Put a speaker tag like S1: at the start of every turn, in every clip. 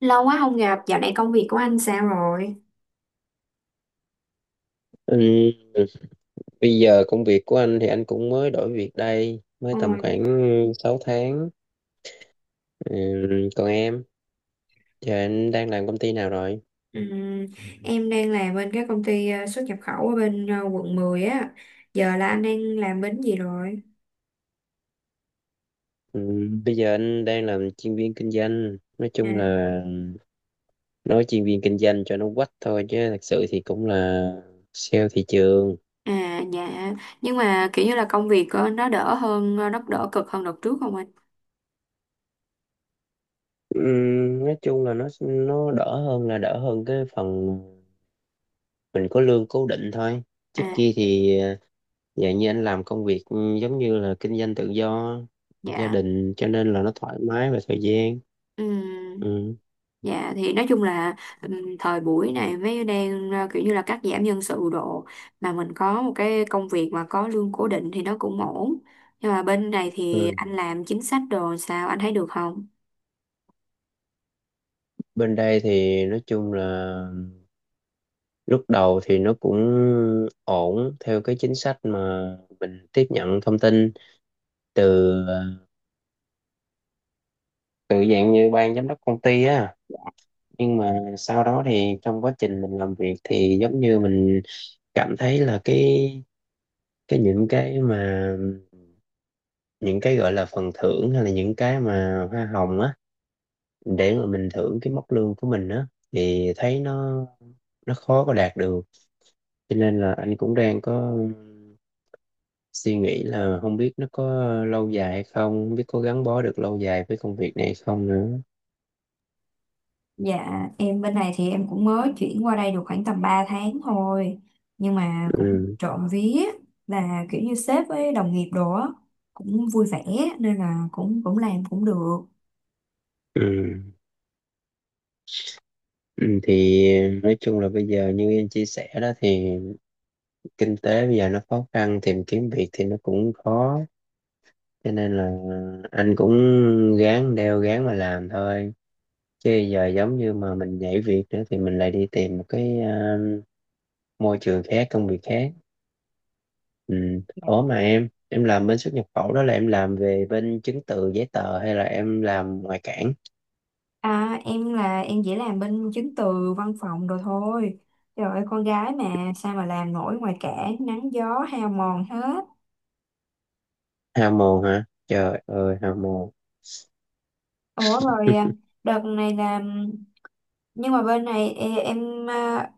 S1: Lâu quá không gặp, dạo này công việc của anh sao rồi?
S2: Ừ, bây giờ công việc của anh thì anh cũng mới đổi việc đây, mới tầm
S1: Ôi,
S2: khoảng 6 tháng. Ừ, còn em, giờ anh đang làm công ty nào rồi?
S1: ừm, em đang làm bên cái công ty xuất nhập khẩu ở bên Quận 10 á. Giờ là anh đang làm bên gì rồi?
S2: Ừ, bây giờ anh đang làm chuyên viên kinh doanh. Nói
S1: À,
S2: chung là nói chuyên viên kinh doanh cho nó quách thôi chứ thật sự thì cũng là sale thị trường.
S1: à dạ, nhưng mà kiểu như là công việc nó đỡ hơn, nó đỡ cực hơn đợt trước không anh?
S2: Ừ, nói chung là nó đỡ hơn, là đỡ hơn cái phần mình có lương cố định thôi. Trước
S1: À,
S2: kia thì dạ như anh làm công việc giống như là kinh doanh tự do, gia
S1: dạ.
S2: đình cho nên là nó thoải mái về thời gian.
S1: Ừm.
S2: Ừ.
S1: Dạ thì nói chung là thời buổi này mới đang kiểu như là cắt giảm nhân sự độ mà mình có một cái công việc mà có lương cố định thì nó cũng ổn. Nhưng mà bên này thì
S2: Ừ.
S1: anh làm chính sách đồ sao anh thấy được không?
S2: Bên đây thì nói chung là lúc đầu thì nó cũng ổn theo cái chính sách mà mình tiếp nhận thông tin từ ờ, từ dạng như ban giám đốc công ty á. Nhưng mà sau đó thì trong quá trình mình làm việc thì giống như mình cảm thấy là cái những cái mà những cái gọi là phần thưởng hay là những cái mà hoa hồng á, để mà mình thưởng cái mốc lương của mình á thì thấy nó khó có đạt được, cho nên là anh cũng đang có suy nghĩ là không biết nó có lâu dài hay không, không biết có gắn bó được lâu dài với công việc này hay không nữa.
S1: Dạ, em bên này thì em cũng mới chuyển qua đây được khoảng tầm 3 tháng thôi. Nhưng mà cũng
S2: Ừ.
S1: trộm vía là kiểu như sếp với đồng nghiệp đồ á, cũng vui vẻ nên là cũng cũng làm cũng được.
S2: Ừ. Ừ, thì nói chung là bây giờ như em chia sẻ đó thì kinh tế bây giờ nó khó khăn, tìm kiếm việc thì nó cũng khó, cho nên là anh cũng ráng đeo ráng mà làm thôi, chứ giờ giống như mà mình nhảy việc nữa thì mình lại đi tìm một cái môi trường khác, công việc khác. Ừ. Ủa mà em làm bên xuất nhập khẩu đó là em làm về bên chứng từ giấy tờ hay là em làm ngoại cảng?
S1: À, em là em chỉ làm bên chứng từ văn phòng rồi thôi. Trời ơi, con gái mà sao mà làm nổi ngoài cả nắng gió hao mòn hết.
S2: Hao mồm hả, trời ơi, hao mồm.
S1: Ủa rồi à, đợt này là nhưng mà bên này em à,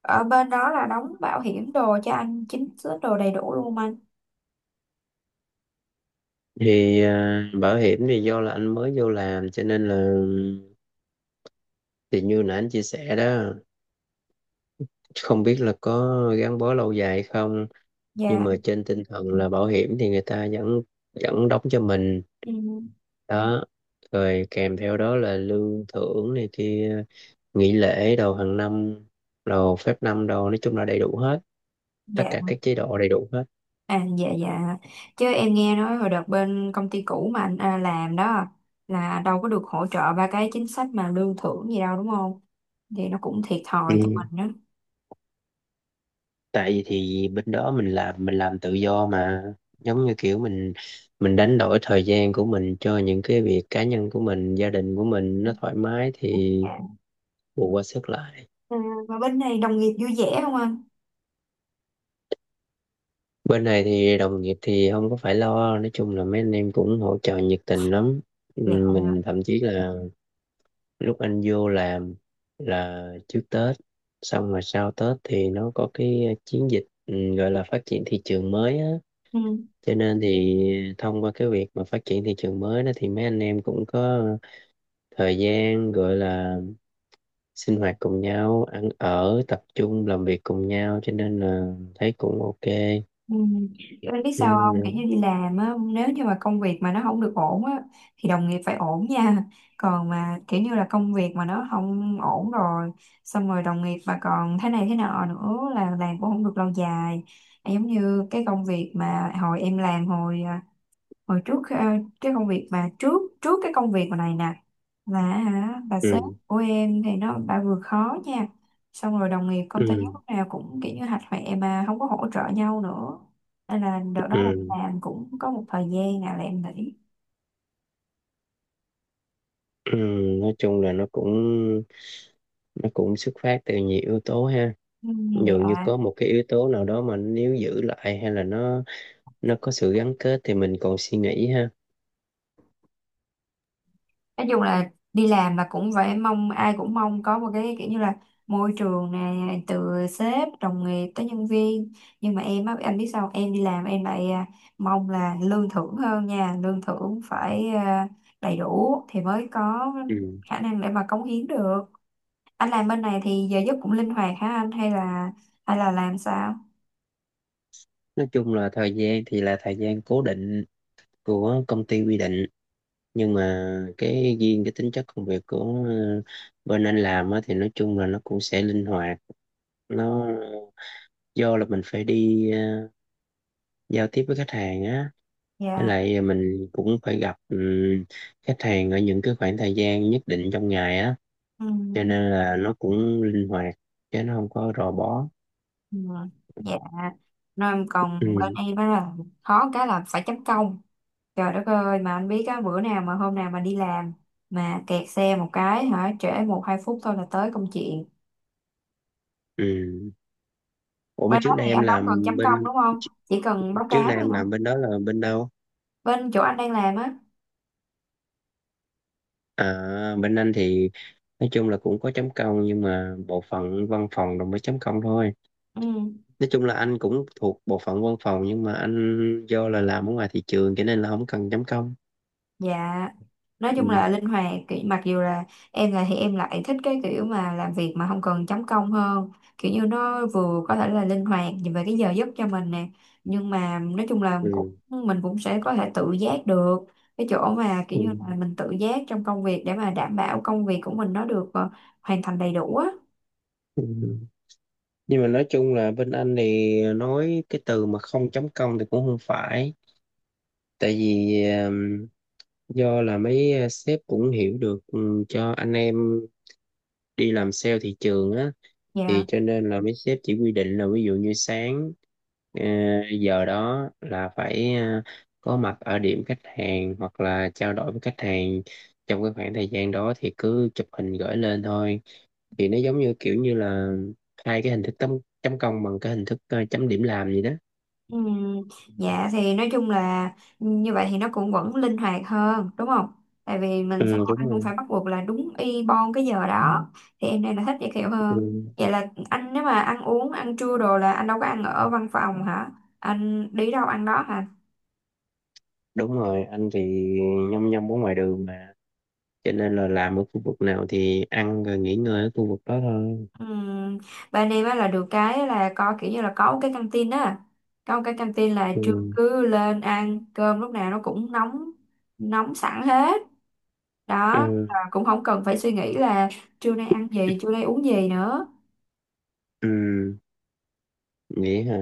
S1: ở bên đó là đóng bảo hiểm đồ cho anh chính xứ đồ đầy đủ luôn anh.
S2: Thì bảo hiểm thì do là anh mới vô làm cho nên là, thì như nãy anh chia sẻ đó, không biết là có gắn bó lâu dài hay không, nhưng
S1: Dạ.
S2: mà trên tinh thần là bảo hiểm thì người ta vẫn vẫn đóng cho mình
S1: Ừ.
S2: đó, rồi kèm theo đó là lương thưởng này kia, nghỉ lễ đầu hàng năm, đầu phép năm đầu, nói chung là đầy đủ hết, tất
S1: Dạ.
S2: cả các chế độ đầy đủ hết.
S1: À dạ dạ, chứ em nghe nói hồi đợt bên công ty cũ mà anh à, làm đó là đâu có được hỗ trợ ba cái chính sách mà lương thưởng gì đâu đúng không? Thì nó cũng thiệt
S2: Ừ,
S1: thòi cho mình đó.
S2: tại vì thì bên đó mình làm tự do mà, giống như kiểu mình đánh đổi thời gian của mình cho những cái việc cá nhân của mình, gia đình của mình nó thoải mái thì
S1: Dạ.
S2: bù qua sức lại.
S1: À, và bên này đồng nghiệp vui vẻ không anh?
S2: Bên này thì đồng nghiệp thì không có phải lo, nói chung là mấy anh em cũng hỗ trợ nhiệt tình lắm. Ừ,
S1: Dạ.
S2: mình thậm chí là lúc anh vô làm là trước Tết, xong rồi sau Tết thì nó có cái chiến dịch gọi là phát triển thị trường mới á,
S1: Ừ.
S2: cho nên thì thông qua cái việc mà phát triển thị trường mới đó thì mấy anh em cũng có thời gian, gọi là sinh hoạt cùng nhau, ăn ở tập trung làm việc cùng nhau, cho nên là thấy cũng ok.
S1: Ừ. Kiểu em biết sao không? Kiểu như
S2: Ừ,
S1: đi làm á, nếu như mà công việc mà nó không được ổn á, thì đồng nghiệp phải ổn nha. Còn mà kiểu như là công việc mà nó không ổn rồi, xong rồi đồng nghiệp mà còn thế này thế nọ nữa là làm cũng không được lâu dài. Giống như cái công việc mà hồi em làm hồi à, hồi trước à, cái công việc mà trước trước cái công việc mà này nè, là hả bà sếp
S2: ừ,
S1: của em thì nó bà vừa khó nha, xong rồi đồng nghiệp công ty
S2: ừ,
S1: lúc nào cũng kiểu như hạch hoẹ mà không có hỗ trợ nhau nữa, nên là đợt đó là
S2: ừ,
S1: làm cũng có một thời gian nào là em nghỉ.
S2: ừ. Nói chung là nó cũng xuất phát từ nhiều yếu tố ha,
S1: Ừ,
S2: dường như
S1: dạ.
S2: có một cái yếu tố nào đó mà nếu giữ lại hay là nó có sự gắn kết thì mình còn suy nghĩ ha.
S1: Nói chung là đi làm là cũng phải mong ai cũng mong có một cái kiểu như là môi trường này từ sếp đồng nghiệp tới nhân viên. Nhưng mà em á anh biết sao không? Em đi làm em lại à, mong là lương thưởng hơn nha, lương thưởng phải à, đầy đủ thì mới có
S2: Ừ.
S1: khả năng để mà cống hiến được. Anh làm bên này thì giờ giấc cũng linh hoạt hả anh, hay là làm sao?
S2: Nói chung là thời gian thì là thời gian cố định của công ty quy định, nhưng mà cái riêng, cái tính chất công việc của bên anh làm á, thì nói chung là nó cũng sẽ linh hoạt, nó do là mình phải đi giao tiếp với khách hàng á, với
S1: Dạ.
S2: lại mình cũng phải gặp khách hàng ở những cái khoảng thời gian nhất định trong ngày á,
S1: Ừ.
S2: cho nên là nó cũng linh hoạt chứ nó không có rò bó.
S1: Ừ, dạ. Nên còn bên
S2: Ừ.
S1: em á là khó cái là phải chấm công, trời đất ơi, mà anh biết á, bữa nào mà hôm nào mà đi làm mà kẹt xe một cái hả trễ một hai phút thôi là tới công chuyện.
S2: Ừ. Ủa mà
S1: Bên đó thì anh đâu cần chấm công đúng không, chỉ cần báo
S2: trước
S1: cáo
S2: đây
S1: thôi
S2: em
S1: hả?
S2: làm bên đó là bên đâu?
S1: Bên chỗ anh đang làm á.
S2: À, bên anh thì nói chung là cũng có chấm công, nhưng mà bộ phận văn phòng rồi mới chấm công thôi,
S1: Ừ.
S2: nói chung là anh cũng thuộc bộ phận văn phòng nhưng mà anh do là làm ở ngoài thị trường cho nên là không cần chấm công.
S1: Dạ, nói chung
S2: Ừ.
S1: là linh hoạt, kiểu, mặc dù là em là thì em lại thích cái kiểu mà làm việc mà không cần chấm công hơn, kiểu như nó vừa có thể là linh hoạt về cái giờ giấc cho mình nè, nhưng mà nói chung là
S2: Ừ.
S1: cũng mình cũng sẽ có thể tự giác được cái chỗ mà kiểu như là
S2: Ừ.
S1: mình tự giác trong công việc để mà đảm bảo công việc của mình nó được hoàn thành đầy đủ á.
S2: Ừ. Nhưng mà nói chung là bên anh thì nói cái từ mà không chấm công thì cũng không phải, tại vì do là mấy sếp cũng hiểu được, cho anh em đi làm sale thị trường á, thì
S1: Dạ.
S2: cho nên là mấy sếp chỉ quy định là ví dụ như sáng ờ, giờ đó là phải có mặt ở điểm khách hàng hoặc là trao đổi với khách hàng, trong cái khoảng thời gian đó thì cứ chụp hình gửi lên thôi, thì nó giống như kiểu như là hai cái hình thức, chấm chấm công bằng cái hình thức chấm điểm làm gì đó.
S1: Ừ, dạ thì nói chung là như vậy thì nó cũng vẫn linh hoạt hơn đúng không? Tại vì mình sẽ
S2: Ừ,
S1: không,
S2: đúng
S1: anh không
S2: rồi.
S1: phải bắt buộc là đúng y bon cái giờ đó, thì em này là thích vậy kiểu hơn.
S2: Ừ,
S1: Vậy là anh nếu mà ăn uống ăn trưa đồ là anh đâu có ăn ở văn phòng hả? Anh đi đâu ăn đó hả?
S2: đúng rồi, anh thì nhăm nhăm ở ngoài đường mà, cho nên là làm ở khu vực nào thì ăn rồi nghỉ ngơi ở khu vực đó thôi.
S1: Ừm, bên em á là được cái là có kiểu như là có một cái căng tin á, có một cái căng tin là trưa
S2: Ừ.
S1: cứ lên ăn cơm lúc nào nó cũng nóng, nóng sẵn hết đó, và
S2: Ừ.
S1: cũng không cần phải suy nghĩ là trưa nay ăn gì, trưa nay uống gì nữa.
S2: Ừ. Nghĩ hả?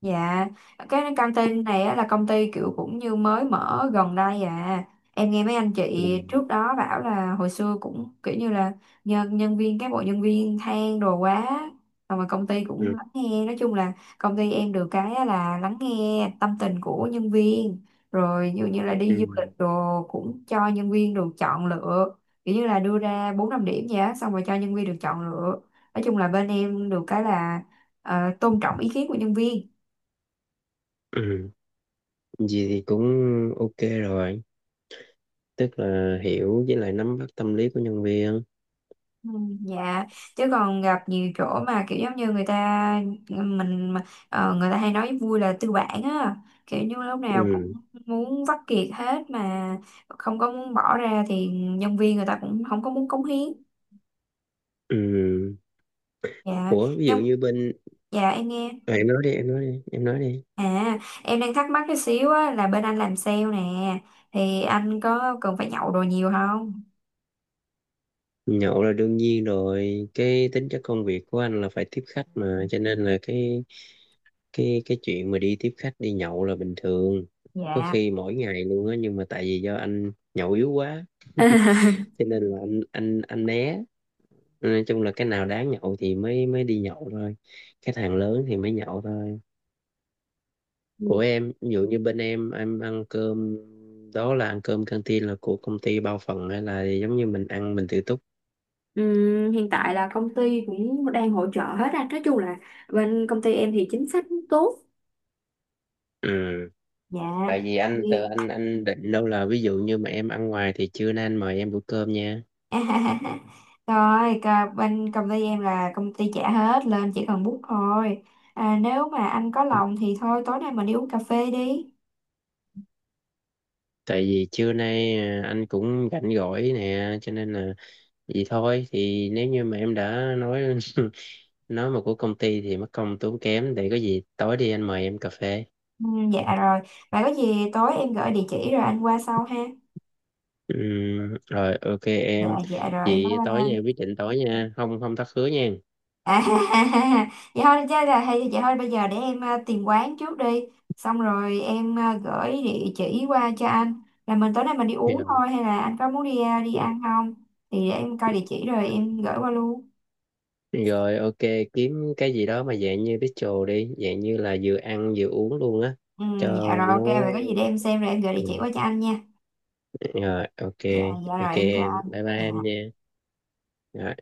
S1: Dạ, cái căng tin này á, là công ty kiểu cũng như mới mở gần đây à. Em nghe mấy anh chị
S2: Ừ.
S1: trước đó bảo là hồi xưa cũng kiểu như là nhân nhân viên cán bộ nhân viên than đồ quá. Xong rồi công ty cũng
S2: Ừ.
S1: lắng nghe, nói chung là công ty em được cái á là lắng nghe tâm tình của nhân viên. Rồi dụ như là đi
S2: Ừ.
S1: du lịch đồ cũng cho nhân viên được chọn lựa, kiểu như là đưa ra 4 5 điểm vậy á, xong rồi cho nhân viên được chọn lựa. Nói chung là bên em được cái là tôn trọng ý kiến của nhân viên.
S2: Ừ. Gì thì cũng ok rồi, tức là hiểu với lại nắm bắt tâm lý của nhân viên.
S1: Ừ. Dạ, chứ còn gặp nhiều chỗ mà kiểu giống như người ta mình mà- người ta hay nói vui là tư bản á, kiểu như lúc nào cũng
S2: Ừ.
S1: muốn vắt kiệt hết mà không có muốn bỏ ra thì nhân viên người ta cũng không có muốn cống hiến.
S2: Ừ.
S1: Dạ.
S2: Ủa ví dụ
S1: Nhưng
S2: như bên.
S1: dạ em nghe.
S2: À, em nói đi, em nói đi, em nói đi.
S1: À, em đang thắc mắc cái xíu á là bên anh làm sale nè thì anh có cần phải nhậu đồ nhiều không?
S2: Nhậu là đương nhiên rồi, cái tính chất công việc của anh là phải tiếp khách mà, cho nên là cái chuyện mà đi tiếp khách đi nhậu là bình thường, có
S1: Dạ.
S2: khi mỗi ngày luôn á, nhưng mà tại vì do anh nhậu yếu quá cho nên là anh né, nói chung là cái nào đáng nhậu thì mới mới đi nhậu thôi, cái thằng lớn thì mới nhậu thôi. Của em, ví dụ như bên em ăn cơm đó là ăn cơm canteen là của công ty bao phần hay là giống như mình ăn mình tự túc?
S1: Hiện tại là công ty cũng đang hỗ trợ hết á. Nói chung là bên công ty em thì chính sách cũng tốt.
S2: Ừ.
S1: Dạ.
S2: Tại vì anh
S1: Nhiều.
S2: từ anh định đâu là ví dụ như mà em ăn ngoài thì trưa nay anh mời em bữa cơm nha,
S1: Rồi, bên công ty em là công ty trả hết lên chỉ cần bút thôi. À, nếu mà anh có lòng thì thôi tối nay mình đi uống cà phê đi.
S2: tại vì trưa nay anh cũng rảnh rỗi nè cho nên là vậy thôi, thì nếu như mà em đã nói nói mà của công ty thì mất công tốn kém, để có gì tối đi anh mời em cà phê.
S1: Ừ, dạ rồi. Vậy có gì tối em gửi địa chỉ rồi anh qua sau ha.
S2: Rồi, ok
S1: Dạ
S2: em.
S1: dạ rồi em
S2: Vậy
S1: bye
S2: tối nha,
S1: bye.
S2: quyết định tối nha, không, không thất hứa nha.
S1: À, vậy thôi chứ là hay vậy thôi bây giờ để em tìm quán trước đi, xong rồi em gửi địa chỉ qua cho anh là mình tối nay mình đi uống
S2: Dạ.
S1: thôi, hay là anh có muốn đi đi ăn không, thì để em coi địa chỉ rồi em gửi qua luôn.
S2: Rồi, ok, kiếm cái gì đó mà dạng như bistro đi, dạng như là vừa ăn vừa uống luôn á,
S1: Ừ,
S2: cho
S1: dạ rồi,
S2: nó.
S1: ok. Vậy có gì để em xem rồi em gửi địa chỉ
S2: Ừ.
S1: qua cho anh nha.
S2: Rồi, ok.
S1: Dạ. Dạ
S2: Ok
S1: rồi em chào
S2: em,
S1: anh.
S2: bye bye em
S1: Dạ.
S2: nha. Rồi.